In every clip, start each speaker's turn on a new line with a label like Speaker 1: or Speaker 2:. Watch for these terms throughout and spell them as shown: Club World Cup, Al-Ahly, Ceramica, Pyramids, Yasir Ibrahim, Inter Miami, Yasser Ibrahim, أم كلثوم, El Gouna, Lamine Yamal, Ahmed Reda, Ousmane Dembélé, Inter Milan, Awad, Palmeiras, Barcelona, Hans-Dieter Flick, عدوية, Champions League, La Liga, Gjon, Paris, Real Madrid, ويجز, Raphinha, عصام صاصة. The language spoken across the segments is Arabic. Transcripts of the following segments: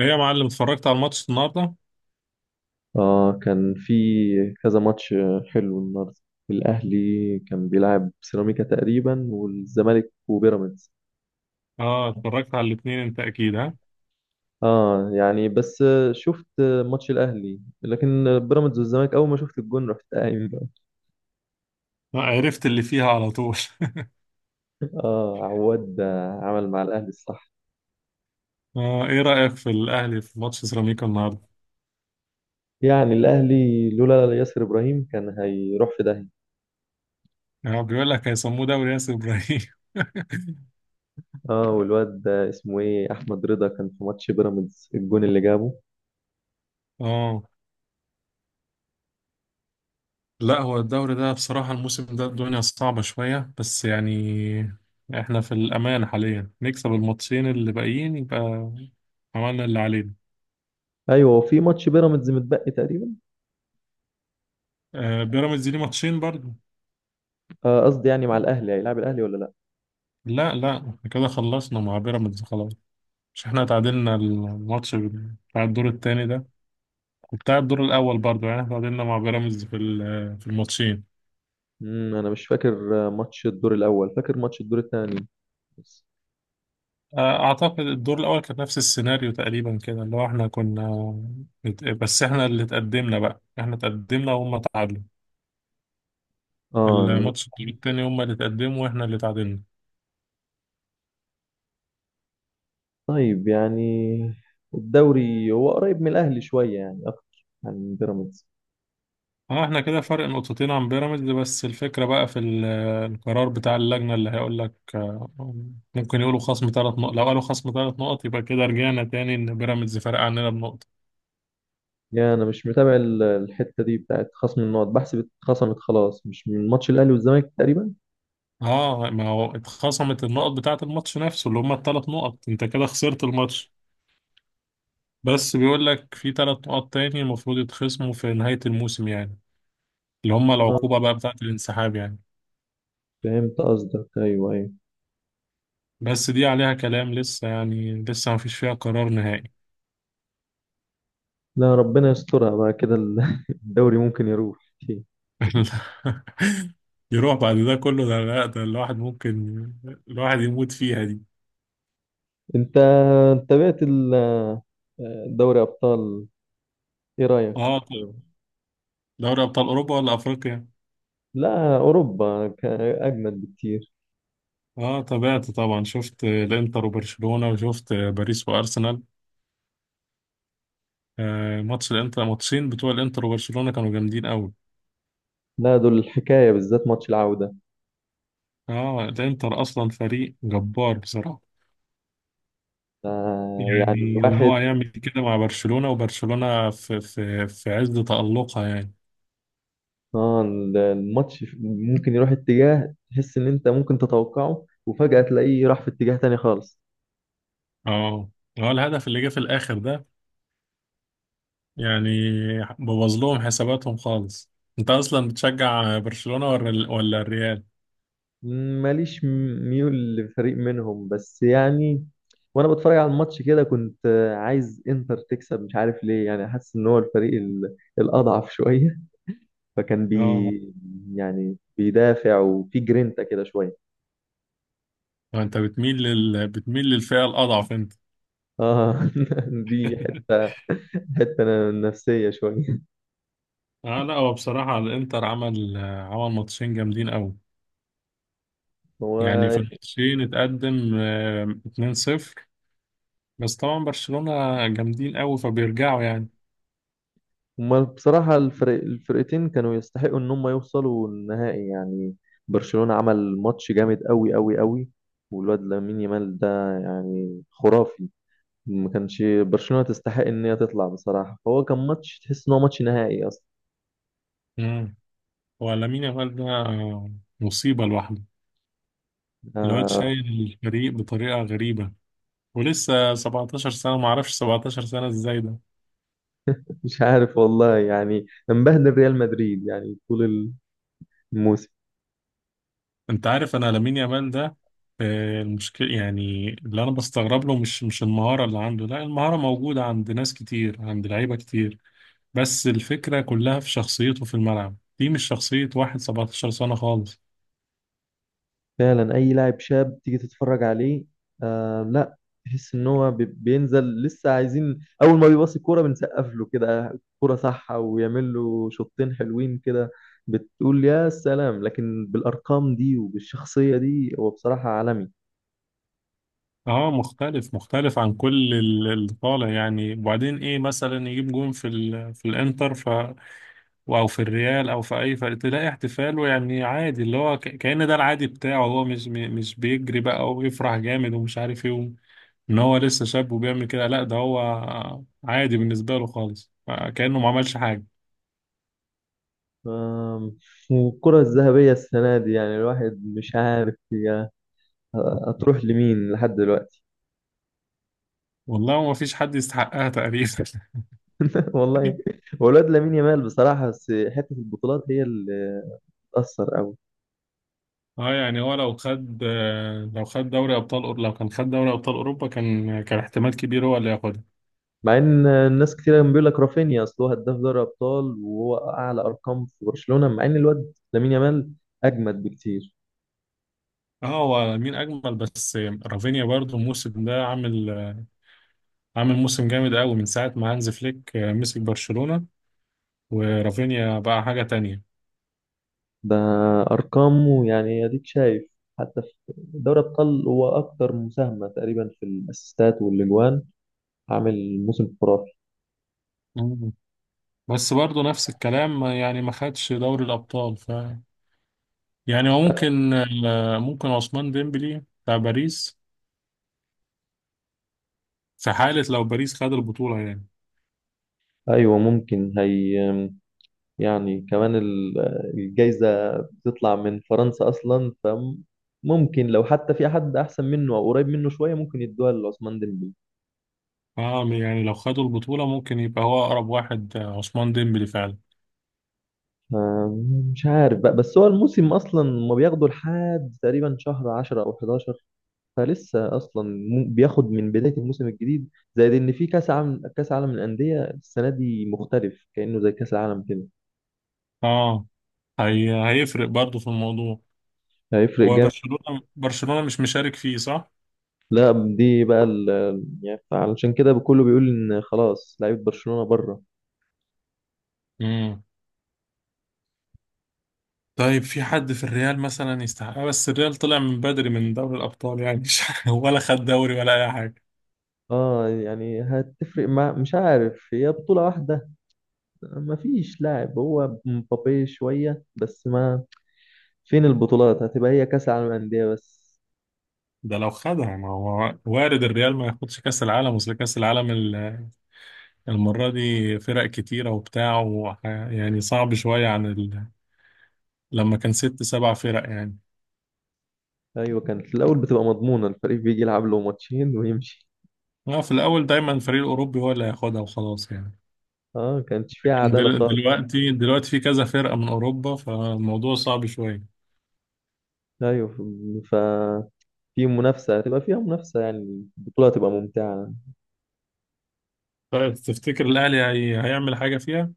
Speaker 1: ايه يا معلم اتفرجت على الماتش النهارده.
Speaker 2: اه كان في كذا ماتش حلو النهارده. الاهلي كان بيلعب سيراميكا تقريبا، والزمالك وبيراميدز.
Speaker 1: اه اتفرجت على الاثنين، انت اكيد ها.
Speaker 2: اه يعني بس شفت ماتش الاهلي، لكن بيراميدز والزمالك اول ما شفت الجون رحت قايم بقى.
Speaker 1: عرفت اللي فيها على طول.
Speaker 2: اه عواد عمل مع الاهلي الصح.
Speaker 1: اه، ايه رأيك في الاهلي في ماتش سيراميكا النهارده؟
Speaker 2: يعني الاهلي لولا ياسر ابراهيم كان هيروح في داهيه.
Speaker 1: اه، بيقول لك هيسموه دوري ياسر ابراهيم.
Speaker 2: اه والواد ده اسمه ايه، احمد رضا، كان في ماتش بيراميدز الجون اللي جابه.
Speaker 1: اه. لا، هو الدوري ده بصراحة الموسم ده الدنيا صعبة شوية بس يعني احنا في الامان حاليا، نكسب الماتشين اللي باقيين يبقى عملنا اللي علينا.
Speaker 2: ايوه، وفي ماتش بيراميدز متبقي تقريبا.
Speaker 1: آه بيراميدز ليه ماتشين برضه.
Speaker 2: آه، قصدي يعني مع الاهلي، هيلعب الاهلي ولا لا؟
Speaker 1: لا لا، احنا كده خلصنا مع بيراميدز خلاص. مش احنا تعادلنا الماتش بتاع الدور التاني ده؟ كنت قاعد الدور الأول برضو، يعني احنا تعادلنا مع بيراميدز في الماتشين.
Speaker 2: انا مش فاكر ماتش الدور الاول، فاكر ماتش الدور الثاني بس.
Speaker 1: أعتقد الدور الأول كان نفس السيناريو تقريبا كده، اللي هو احنا كنا بس احنا اللي تقدمنا، بقى احنا تقدمنا وهم تعادلوا.
Speaker 2: اه
Speaker 1: الماتش الدور التاني هم اللي تقدموا واحنا اللي تعادلنا.
Speaker 2: طيب يعني الدوري هو قريب من الاهلي شويه، يعني اكتر عن بيراميدز.
Speaker 1: اه احنا كده فرق نقطتين عن بيراميدز، بس الفكرة بقى القرار بتاع اللجنة اللي هيقول لك ممكن يقولوا خصم ثلاث نقط. لو قالوا خصم ثلاث نقط يبقى كده رجعنا تاني ان بيراميدز فرق عننا بنقطة.
Speaker 2: يعني انا مش متابع الحته دي بتاعت خصم النقط، بحسب اتخصمت خلاص مش من ماتش الاهلي والزمالك تقريبا.
Speaker 1: اه، ما هو اتخصمت النقط بتاعة الماتش نفسه اللي هما الثلاث نقط، انت كده خسرت الماتش. بس بيقول لك في ثلاث نقط تاني المفروض يتخصموا في نهاية الموسم، يعني اللي هما
Speaker 2: آه،
Speaker 1: العقوبة بقى بتاعة الانسحاب يعني.
Speaker 2: فهمت قصدك، ايوه ايوه.
Speaker 1: بس دي عليها كلام لسه، يعني لسه ما فيش فيها قرار نهائي.
Speaker 2: لا ربنا يسترها بقى كده الدوري ممكن يروح.
Speaker 1: يروح بعد ده كله؟ ده لا، ده الواحد ممكن الواحد يموت فيها دي.
Speaker 2: انت تابعت دوري ابطال؟ ايه رايك؟
Speaker 1: اه طب، دوري ابطال اوروبا ولا افريقيا؟
Speaker 2: لا أوروبا أجمد بكتير.
Speaker 1: اه تابعت طبعا، شفت الانتر وبرشلونة وشفت باريس وارسنال. ماتش الانتر، ماتشين بتوع الانتر وبرشلونة كانوا جامدين قوي.
Speaker 2: لا دول الحكاية، بالذات ماتش العودة
Speaker 1: اه الانتر اصلا فريق جبار بصراحة.
Speaker 2: ده. يعني
Speaker 1: يعني ان هو
Speaker 2: الواحد
Speaker 1: هيعمل كده مع برشلونة، وبرشلونة في عز تألقها يعني.
Speaker 2: آه الماتش ممكن يروح اتجاه تحس إن أنت ممكن تتوقعه، وفجأة تلاقيه راح في اتجاه تاني خالص.
Speaker 1: اه هو الهدف اللي جه في الاخر ده يعني بوظ لهم حساباتهم خالص. انت اصلا بتشجع برشلونة ولا الريال؟
Speaker 2: ماليش ميول لفريق منهم، بس يعني وأنا بتفرج على الماتش كده كنت عايز إنتر تكسب، مش عارف ليه، يعني حاسس إن هو الفريق الأضعف شوية. فكان بي
Speaker 1: اه،
Speaker 2: يعني بيدافع وفي جرينتا كده شوية.
Speaker 1: انت بتميل بتميل للفئة الاضعف انت.
Speaker 2: اه دي حتة نفسية شوية.
Speaker 1: اه لا، هو بصراحة الانتر عمل ماتشين جامدين قوي. يعني
Speaker 2: هو
Speaker 1: في الماتشين اتقدم 2-0، بس طبعا برشلونة جامدين قوي فبيرجعوا يعني.
Speaker 2: هما بصراحة الفرقتين كانوا يستحقوا ان هم يوصلوا النهائي يعني. برشلونة عمل ماتش جامد قوي قوي قوي. والواد لامين يامال ده يعني خرافي. ما كانش برشلونة تستحق ان هي تطلع بصراحة، فهو كان ماتش تحس ان هو ماتش نهائي اصلا.
Speaker 1: امم ولامين يامال ده مصيبة لوحده. الواد
Speaker 2: آه
Speaker 1: شايل الفريق بطريقة غريبة، ولسه 17 سنة، معرفش 17 سنة ازاي ده.
Speaker 2: مش عارف والله، يعني مبهدل ريال مدريد يعني طول الموسم.
Speaker 1: انت عارف انا لامين يامال ده، المشكلة يعني اللي انا بستغرب له مش المهارة اللي عنده، لا المهارة موجودة عند ناس كتير، عند لعيبة كتير. بس الفكرة كلها في شخصيته في الملعب، دي مش شخصية واحد 17 سنة خالص.
Speaker 2: فعلا اي لاعب شاب تيجي تتفرج عليه آه لا تحس ان هو بينزل لسه عايزين، اول ما بيباص الكوره بنسقف له كده كوره صح، ويعمل له شوطين حلوين كده بتقول يا سلام. لكن بالارقام دي وبالشخصيه دي هو بصراحه عالمي.
Speaker 1: اه مختلف عن كل اللي طالع يعني. وبعدين ايه، مثلا يجيب جون في الانتر ف او في الريال او في اي فريق، تلاقي احتفاله يعني عادي، اللي هو كأن ده العادي بتاعه. هو مش مش بيجري بقى ويفرح جامد ومش عارف ايه ان هو لسه شاب وبيعمل كده، لا ده هو عادي بالنسبة له خالص، كأنه ما عملش حاجة.
Speaker 2: آم، والكره الذهبيه السنه دي يعني الواحد مش عارف هي هتروح لمين لحد دلوقتي.
Speaker 1: والله ما فيش حد يستحقها تقريبا.
Speaker 2: والله هو الواد لامين يامال بصراحه، بس حته البطولات هي اللي بتاثر قوي.
Speaker 1: اه، يعني هو لو خد، لو خد دوري ابطال، لو كان خد دوري ابطال اوروبا كان احتمال كبير هو اللي ياخدها.
Speaker 2: مع ان الناس كتير كان بيقول لك رافينيا، اصل هو هداف دوري ابطال وهو اعلى ارقام في برشلونه، مع ان الواد لامين يامال اجمد بكتير.
Speaker 1: اه، هو مين اجمل بس، رافينيا برضو الموسم ده عامل موسم جامد قوي من ساعه ما هانز فليك مسك برشلونه، ورافينيا بقى حاجه تانية.
Speaker 2: ده ارقامه يعني اديك شايف، حتى في دوري ابطال هو اكتر مساهمه تقريبا في الاسيستات والاجوان، عامل موسم خرافي.
Speaker 1: مم. بس برضو نفس الكلام، يعني ما خدش دوري الابطال، ف يعني هو ممكن، ممكن عثمان ديمبلي بتاع باريس في حاله لو باريس خد البطوله يعني.
Speaker 2: ايوه ممكن هي يعني كمان الجايزه بتطلع من فرنسا اصلا، فممكن لو حتى في حد احسن منه او قريب منه شويه ممكن يدوها لعثمان ديمبلي.
Speaker 1: اه يعني لو خدوا البطوله ممكن يبقى هو اقرب واحد عثمان ديمبلي فعلا.
Speaker 2: آه، مش عارف بقى، بس هو الموسم اصلا ما بياخدوا لحد تقريبا شهر 10 او 11، فلسه اصلا بياخد من بدايه الموسم الجديد. زائد ان في كاس عالم، كاس عالم للانديه السنه دي مختلف كانه زي كاس العالم كده.
Speaker 1: اه هيفرق برضو في الموضوع.
Speaker 2: هيفرق
Speaker 1: هو
Speaker 2: جامد.
Speaker 1: برشلونه مش مشارك فيه صح؟
Speaker 2: لا دي بقى يعني علشان كده كله بيقول ان خلاص لعيبه برشلونه بره.
Speaker 1: مم. طيب في حد في الريال مثلا يستحقها؟ بس الريال طلع من بدري من دوري الأبطال، يعني مش ولا خد دوري ولا أي حاجة.
Speaker 2: اه يعني هتفرق، مع مش عارف هي بطوله واحده، ما فيش لاعب هو مبابي شويه بس ما فين البطولات، هتبقى هي كاس العالم للانديه بس.
Speaker 1: ده لو خدها، ما هو وارد الريال ما ياخدش كأس العالم. أصل كأس العالم المرة دي فرق كتيرة وبتاع يعني صعب شوية عن لما كان ست سبع فرق يعني.
Speaker 2: ايوه كانت في الاول بتبقى مضمونه، الفريق بيجي يلعب له ماتشين ويمشي.
Speaker 1: في الأول دايما الفريق الأوروبي هو اللي هياخدها وخلاص يعني.
Speaker 2: اه كانتش فيها عداله خالص.
Speaker 1: دلوقتي في كذا فرقة من أوروبا فالموضوع صعب شوية.
Speaker 2: ايوه ففي منافسه، هتبقى فيها منافسه، يعني البطوله هتبقى ممتعه.
Speaker 1: طيب تفتكر الأهلي هيعمل حاجة فيها؟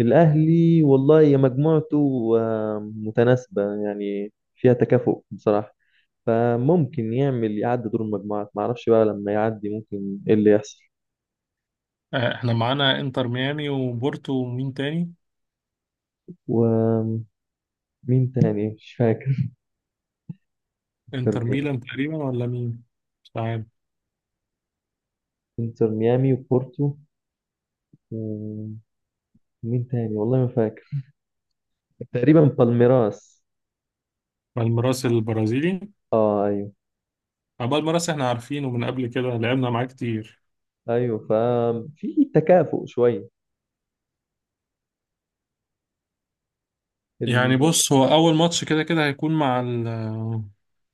Speaker 2: الاهلي والله يا مجموعته آه، متناسبه يعني فيها تكافؤ بصراحه، فممكن يعمل يعدي دور المجموعات، معرفش بقى لما يعدي ممكن ايه اللي يحصل.
Speaker 1: احنا معانا انتر ميامي وبورتو ومين تاني؟
Speaker 2: ومين تاني مش فاكر.
Speaker 1: انتر ميلان تقريبا ولا مين، مش عارف.
Speaker 2: انتر ميامي وبورتو و- مين تاني والله ما فاكر، تقريبا بالميراس.
Speaker 1: بالميراس البرازيلي.
Speaker 2: اه ايوه
Speaker 1: بالميراس احنا عارفينه من قبل كده، لعبنا معاه كتير.
Speaker 2: ايوه. تكافؤ شويه
Speaker 1: يعني
Speaker 2: ال...
Speaker 1: بص، هو اول ماتش كده كده هيكون مع ال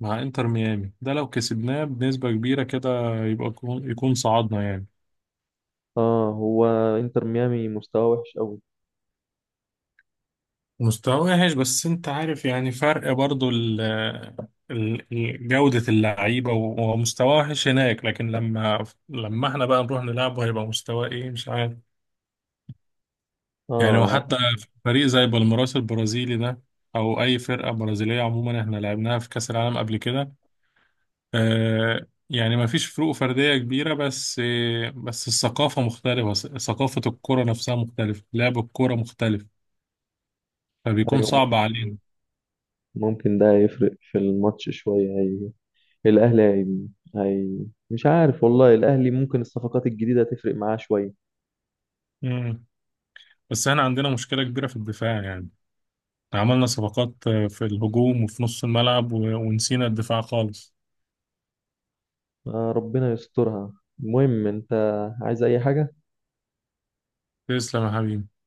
Speaker 1: مع انتر ميامي ده، لو كسبناه بنسبة كبيرة كده يبقى يكون صعدنا يعني.
Speaker 2: اه هو انتر ميامي مستواه وحش قوي.
Speaker 1: مستواه وحش، بس انت عارف يعني فرق برضو جودة اللعيبة. ومستواه وحش هناك، لكن لما احنا بقى نروح نلعبه هيبقى مستواه ايه مش عارف. يعني
Speaker 2: اه
Speaker 1: وحتى في فريق زي بالميراس البرازيلي ده، او اي فرقة برازيلية عموما، احنا لعبناها في كأس العالم قبل كده. آه يعني ما فيش فروق فردية كبيرة، بس آه بس الثقافة مختلفة، ثقافة الكرة نفسها مختلفة، لعب الكرة مختلف، فبيكون
Speaker 2: ايوه
Speaker 1: صعب
Speaker 2: ممكن
Speaker 1: علينا.
Speaker 2: ممكن ده يفرق في الماتش شويه. الاهلي مش عارف والله الاهلي ممكن الصفقات الجديده تفرق معاه شويه.
Speaker 1: مم. بس احنا عندنا مشكلة كبيرة في الدفاع يعني، عملنا صفقات في الهجوم وفي نص الملعب ونسينا الدفاع خالص.
Speaker 2: آه ربنا يسترها. المهم انت عايز اي حاجه؟
Speaker 1: تسلم يا حبيبي.